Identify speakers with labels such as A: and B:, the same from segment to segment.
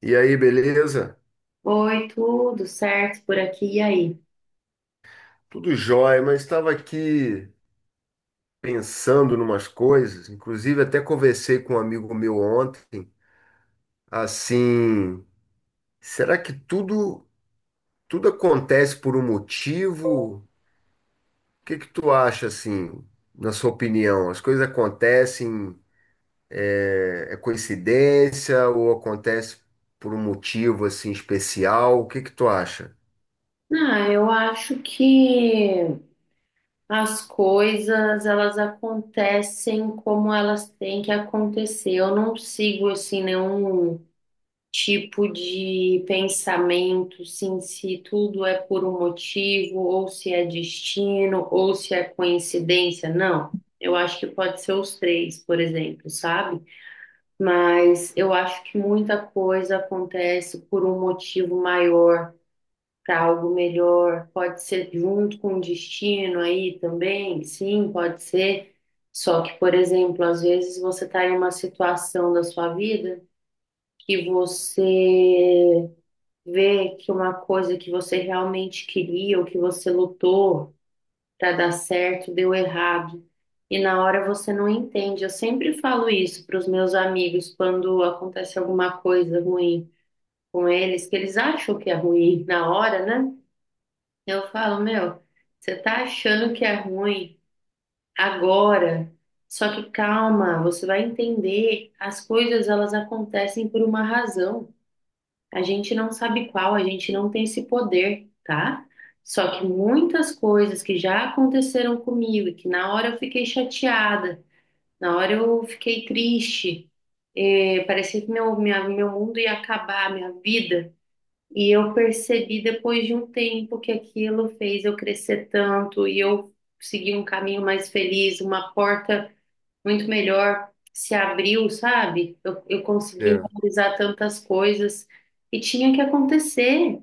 A: E aí, beleza?
B: Oi, tudo certo por aqui e aí?
A: Tudo jóia, mas estava aqui pensando numas coisas, inclusive até conversei com um amigo meu ontem, assim, será que tudo acontece por um motivo? O que que tu acha assim, na sua opinião? As coisas acontecem, é coincidência ou acontece por um motivo assim especial? O que que tu acha?
B: Ah, eu acho que as coisas elas acontecem como elas têm que acontecer. Eu não sigo assim nenhum tipo de pensamento, sim, se tudo é por um motivo ou se é destino ou se é coincidência. Não. Eu acho que pode ser os três, por exemplo, sabe? Mas eu acho que muita coisa acontece por um motivo maior para algo melhor. Pode ser junto com o destino aí também, sim, pode ser. Só que, por exemplo, às vezes você está em uma situação da sua vida que você vê que uma coisa que você realmente queria ou que você lutou para dar certo deu errado. E na hora você não entende. Eu sempre falo isso para os meus amigos quando acontece alguma coisa ruim com eles, que eles acham que é ruim na hora, né? Eu falo, meu, você tá achando que é ruim agora, só que calma, você vai entender, as coisas elas acontecem por uma razão. A gente não sabe qual, a gente não tem esse poder, tá? Só que muitas coisas que já aconteceram comigo, e que na hora eu fiquei chateada, na hora eu fiquei triste, parecia que meu mundo ia acabar, minha vida. E eu percebi depois de um tempo que aquilo fez eu crescer tanto e eu segui um caminho mais feliz, uma porta muito melhor se abriu, sabe? Eu consegui
A: É.
B: realizar tantas coisas e tinha que acontecer.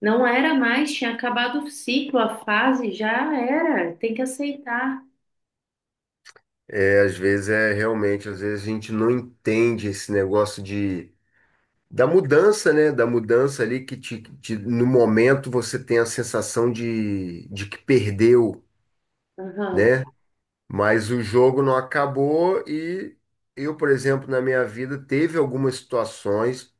B: Não era mais, tinha acabado o ciclo, a fase já era, tem que aceitar.
A: É, às vezes é realmente, às vezes a gente não entende esse negócio de da mudança, né? Da mudança ali que no momento você tem a sensação de que perdeu,
B: Aham,
A: né? Mas o jogo não acabou e eu, por exemplo, na minha vida teve algumas situações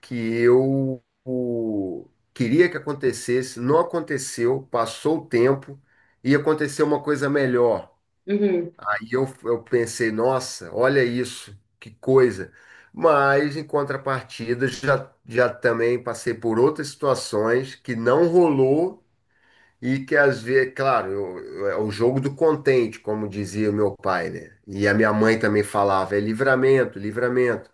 A: que queria que acontecesse, não aconteceu, passou o tempo e aconteceu uma coisa melhor.
B: uhum.
A: E eu pensei, nossa, olha isso, que coisa. Mas, em contrapartida, já também passei por outras situações que não rolou e que, às vezes, claro, é o jogo do contente, como dizia o meu pai, né? E a minha mãe também falava, é livramento, livramento.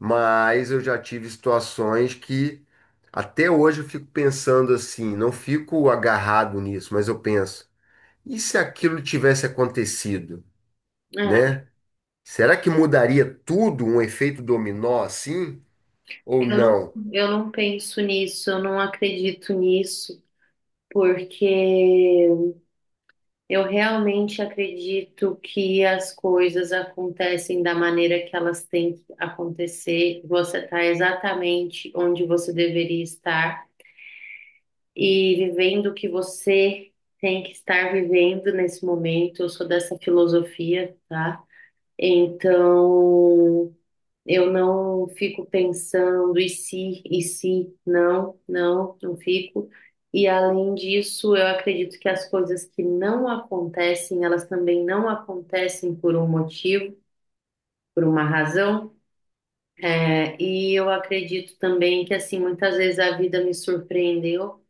A: Mas eu já tive situações que, até hoje, eu fico pensando assim, não fico agarrado nisso, mas eu penso, e se aquilo tivesse acontecido,
B: É,
A: né? Será que mudaria tudo um efeito dominó assim? Ou
B: eu não,
A: não?
B: eu não penso nisso, eu não acredito nisso, porque eu realmente acredito que as coisas acontecem da maneira que elas têm que acontecer. Você está exatamente onde você deveria estar e vivendo o que você tem que estar vivendo nesse momento. Eu sou dessa filosofia, tá? Então, eu não fico pensando, e se, não, não, não fico. E além disso, eu acredito que as coisas que não acontecem, elas também não acontecem por um motivo, por uma razão. É, e eu acredito também que, assim, muitas vezes a vida me surpreendeu.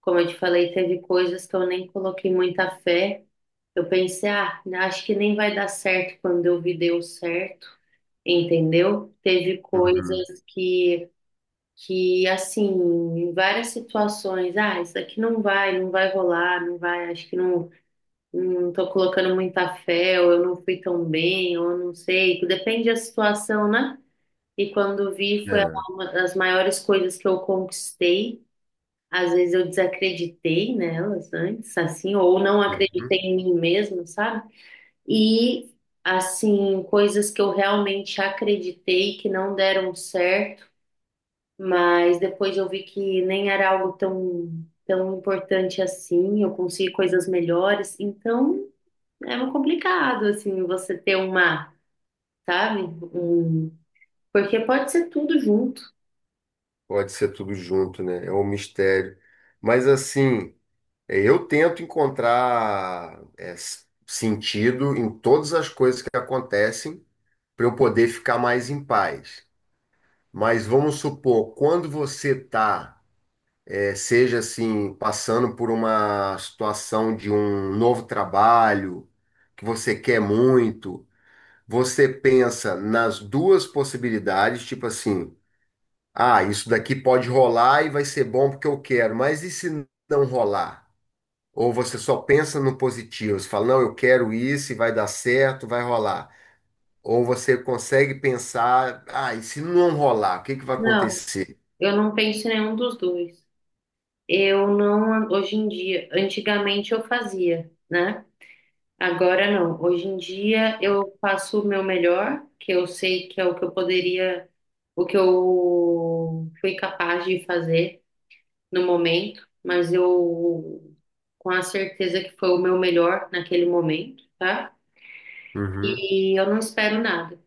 B: Como eu te falei, teve coisas que eu nem coloquei muita fé. Eu pensei, ah, acho que nem vai dar certo quando eu vi deu certo, entendeu? Teve
A: Uhum.
B: coisas que. Que assim, em várias situações, ah, isso aqui não vai, não vai rolar, não vai, acho que não, não tô colocando muita fé, ou eu não fui tão bem, ou eu não sei, que depende da situação, né? E quando vi, foi
A: É.
B: uma das maiores coisas que eu conquistei. Às vezes eu desacreditei nelas antes, assim, ou não acreditei
A: Uhum.
B: em mim mesmo, sabe? E, assim, coisas que eu realmente acreditei que não deram certo mas depois eu vi que nem era algo tão, tão importante assim, eu consegui coisas melhores. Então é meio complicado, assim, você ter uma, sabe? Um... Porque pode ser tudo junto.
A: Pode ser tudo junto, né? É um mistério. Mas assim, eu tento encontrar sentido em todas as coisas que acontecem para eu poder ficar mais em paz. Mas vamos supor, quando você está, seja assim, passando por uma situação de um novo trabalho que você quer muito. Você pensa nas duas possibilidades, tipo assim, ah, isso daqui pode rolar e vai ser bom porque eu quero, mas e se não rolar? Ou você só pensa no positivo, você fala, não, eu quero isso e vai dar certo, vai rolar. Ou você consegue pensar, ah, e se não rolar, o que que vai
B: Não,
A: acontecer?
B: eu não penso em nenhum dos dois. Eu não, hoje em dia, antigamente eu fazia, né? Agora não. Hoje em dia eu faço o meu melhor, que eu sei que é o que eu poderia, o que eu fui capaz de fazer no momento, mas eu com a certeza que foi o meu melhor naquele momento, tá?
A: Uhum,
B: E eu não espero nada.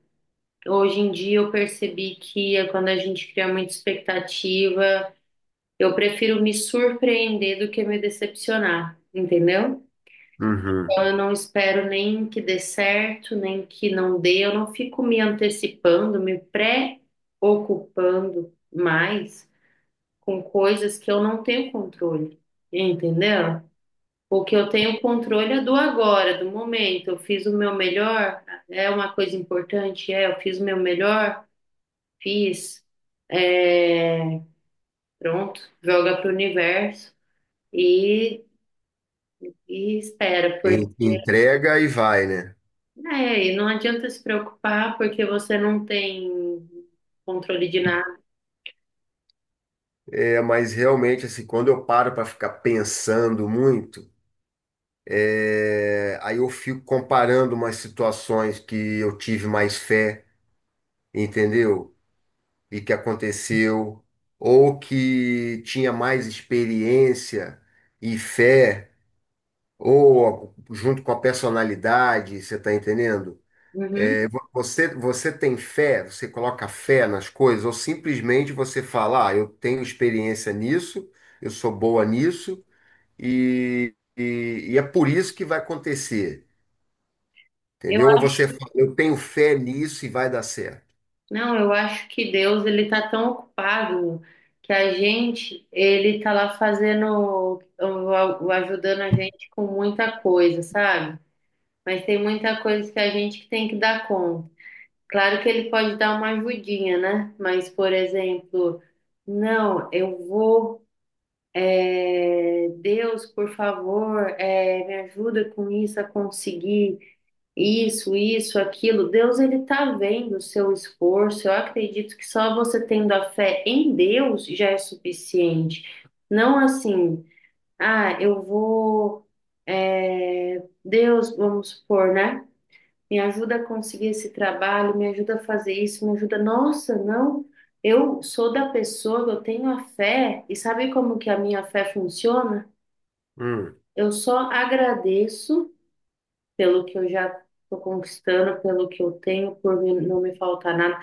B: Hoje em dia eu percebi que quando a gente cria muita expectativa, eu prefiro me surpreender do que me decepcionar, entendeu?
A: uhum.
B: Então eu não espero nem que dê certo, nem que não dê, eu não fico me antecipando, me pré-ocupando mais com coisas que eu não tenho controle, entendeu? O que eu tenho controle é do agora, do momento. Eu fiz o meu melhor, é uma coisa importante, é, eu fiz o meu melhor, fiz, é, pronto, joga para o universo e, e espera, porque
A: En- Entrega e vai, né?
B: é, e não adianta se preocupar porque você não tem controle de nada.
A: É, mas realmente, assim, quando eu paro para ficar pensando muito, é, aí eu fico comparando umas situações que eu tive mais fé, entendeu? E que aconteceu, ou que tinha mais experiência e fé, ou junto com a personalidade, você está entendendo?
B: Uhum.
A: É, você, você tem fé, você coloca fé nas coisas, ou simplesmente você fala, ah, eu tenho experiência nisso, eu sou boa nisso, e é por isso que vai acontecer.
B: Eu
A: Entendeu? Ou você fala, eu tenho fé nisso e vai dar certo.
B: Não, eu acho que Deus ele tá tão ocupado que a gente ele tá lá fazendo, ajudando a gente com muita coisa, sabe? Mas tem muita coisa que a gente que tem que dar conta. Claro que ele pode dar uma ajudinha, né? Mas, por exemplo, não, eu vou, é, Deus, por favor, é, me ajuda com isso a conseguir. Isso, aquilo. Deus, ele tá vendo o seu esforço. Eu acredito que só você tendo a fé em Deus já é suficiente. Não assim, ah, eu vou, é, Deus, vamos supor, né? Me ajuda a conseguir esse trabalho, me ajuda a fazer isso, me ajuda. Nossa, não. Eu sou da pessoa, que eu tenho a fé. E sabe como que a minha fé funciona?
A: Hum.
B: Eu só agradeço pelo que eu já estou conquistando, pelo que eu tenho, por mim não me faltar nada.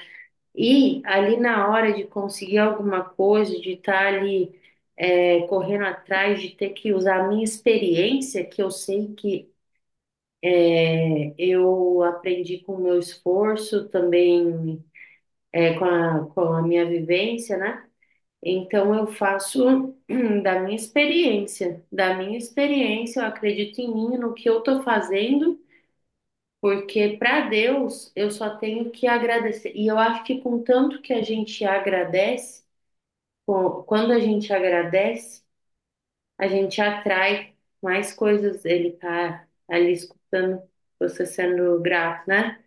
B: E ali na hora de conseguir alguma coisa, de estar ali é, correndo atrás, de ter que usar a minha experiência, que eu sei que eu aprendi com o meu esforço, também é, com a minha vivência, né? Então eu faço da minha experiência, eu acredito em mim, no que eu estou fazendo. Porque para Deus eu só tenho que agradecer. E eu acho que com tanto que a gente agradece, quando a gente agradece, a gente atrai mais coisas. Ele tá ali escutando você sendo grato, né?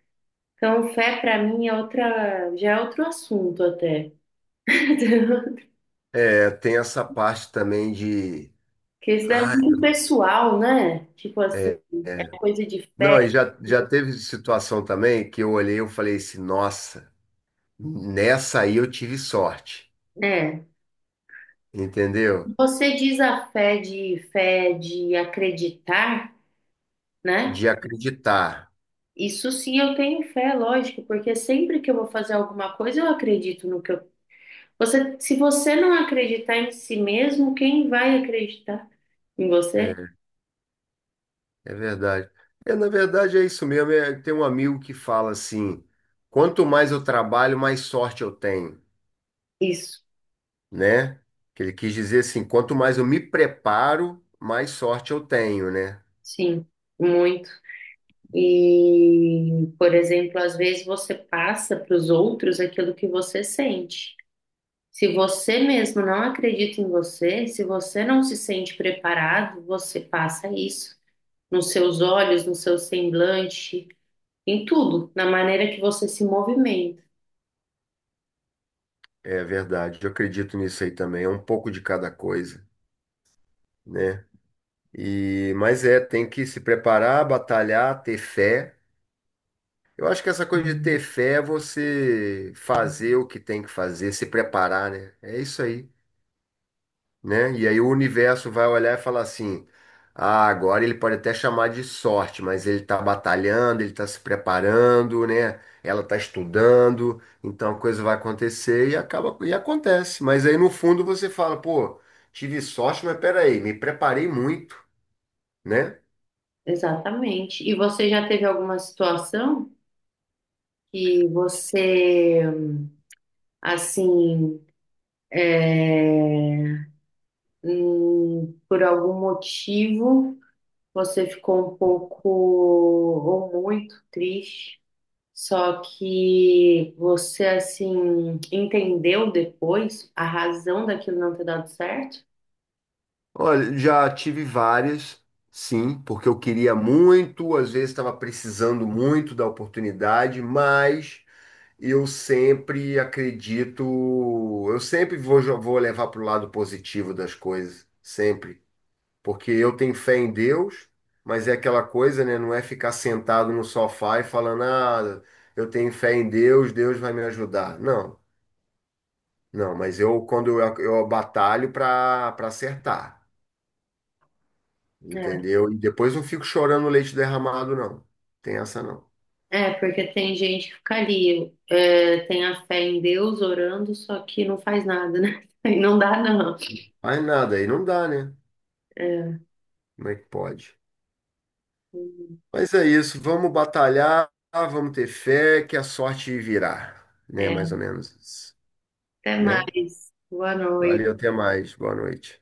B: Então, fé para mim é outra, já é outro assunto até.
A: É, tem essa parte também de.
B: Porque isso é
A: Ah,
B: muito pessoal, né? Tipo assim,
A: é, é.
B: é coisa de fé,
A: Não, e já teve situação também que eu olhei e eu falei assim, nossa, nessa aí eu tive sorte,
B: né?
A: entendeu?
B: Você diz a fé de acreditar, né?
A: De acreditar.
B: Isso sim, eu tenho fé, lógico, porque sempre que eu vou fazer alguma coisa, eu acredito no que eu. Você, se você não acreditar em si mesmo, quem vai acreditar em você?
A: É é verdade. É, na verdade é isso mesmo. É, tem um amigo que fala assim: quanto mais eu trabalho, mais sorte eu tenho.
B: Isso,
A: Né? Que ele quis dizer assim, quanto mais eu me preparo, mais sorte eu tenho, né?
B: sim, muito. E, por exemplo, às vezes você passa para os outros aquilo que você sente. Se você mesmo não acredita em você, se você não se sente preparado, você passa isso nos seus olhos, no seu semblante. Em tudo, na maneira que você se movimenta.
A: É verdade, eu acredito nisso aí também, é um pouco de cada coisa, né? E, mas é, tem que se preparar, batalhar, ter fé. Eu acho que essa coisa de ter fé é você fazer o que tem que fazer, se preparar, né? É isso aí. Né? E aí o universo vai olhar e falar assim: ah, agora ele pode até chamar de sorte, mas ele está batalhando, ele está se preparando, né? Ela está estudando, então a coisa vai acontecer e acaba e acontece. Mas aí no fundo você fala: pô, tive sorte, mas peraí, me preparei muito, né?
B: Exatamente. E você já teve alguma situação que você, assim, é, por algum motivo, você ficou um pouco ou muito triste, só que você, assim, entendeu depois a razão daquilo não ter dado certo?
A: Olha, já tive várias. Sim, porque eu queria muito, às vezes estava precisando muito da oportunidade, mas eu sempre acredito, eu sempre vou, vou levar para o lado positivo das coisas, sempre. Porque eu tenho fé em Deus, mas é aquela coisa, né? Não é ficar sentado no sofá e falando, ah, eu tenho fé em Deus, Deus vai me ajudar. Não, não, mas eu, eu batalho para acertar,
B: É.
A: entendeu? E depois não fico chorando leite derramado, não. Tem essa não.
B: É, porque tem gente que fica ali, é, tem a fé em Deus orando, só que não faz nada, né? Aí não dá, não.
A: Mas nada, aí não dá, né?
B: É,
A: Como é que pode? Mas é isso, vamos batalhar, vamos ter fé que a sorte virá, né?
B: é,
A: Mais ou menos isso,
B: até
A: né?
B: mais. Boa
A: Valeu,
B: noite.
A: até mais, boa noite.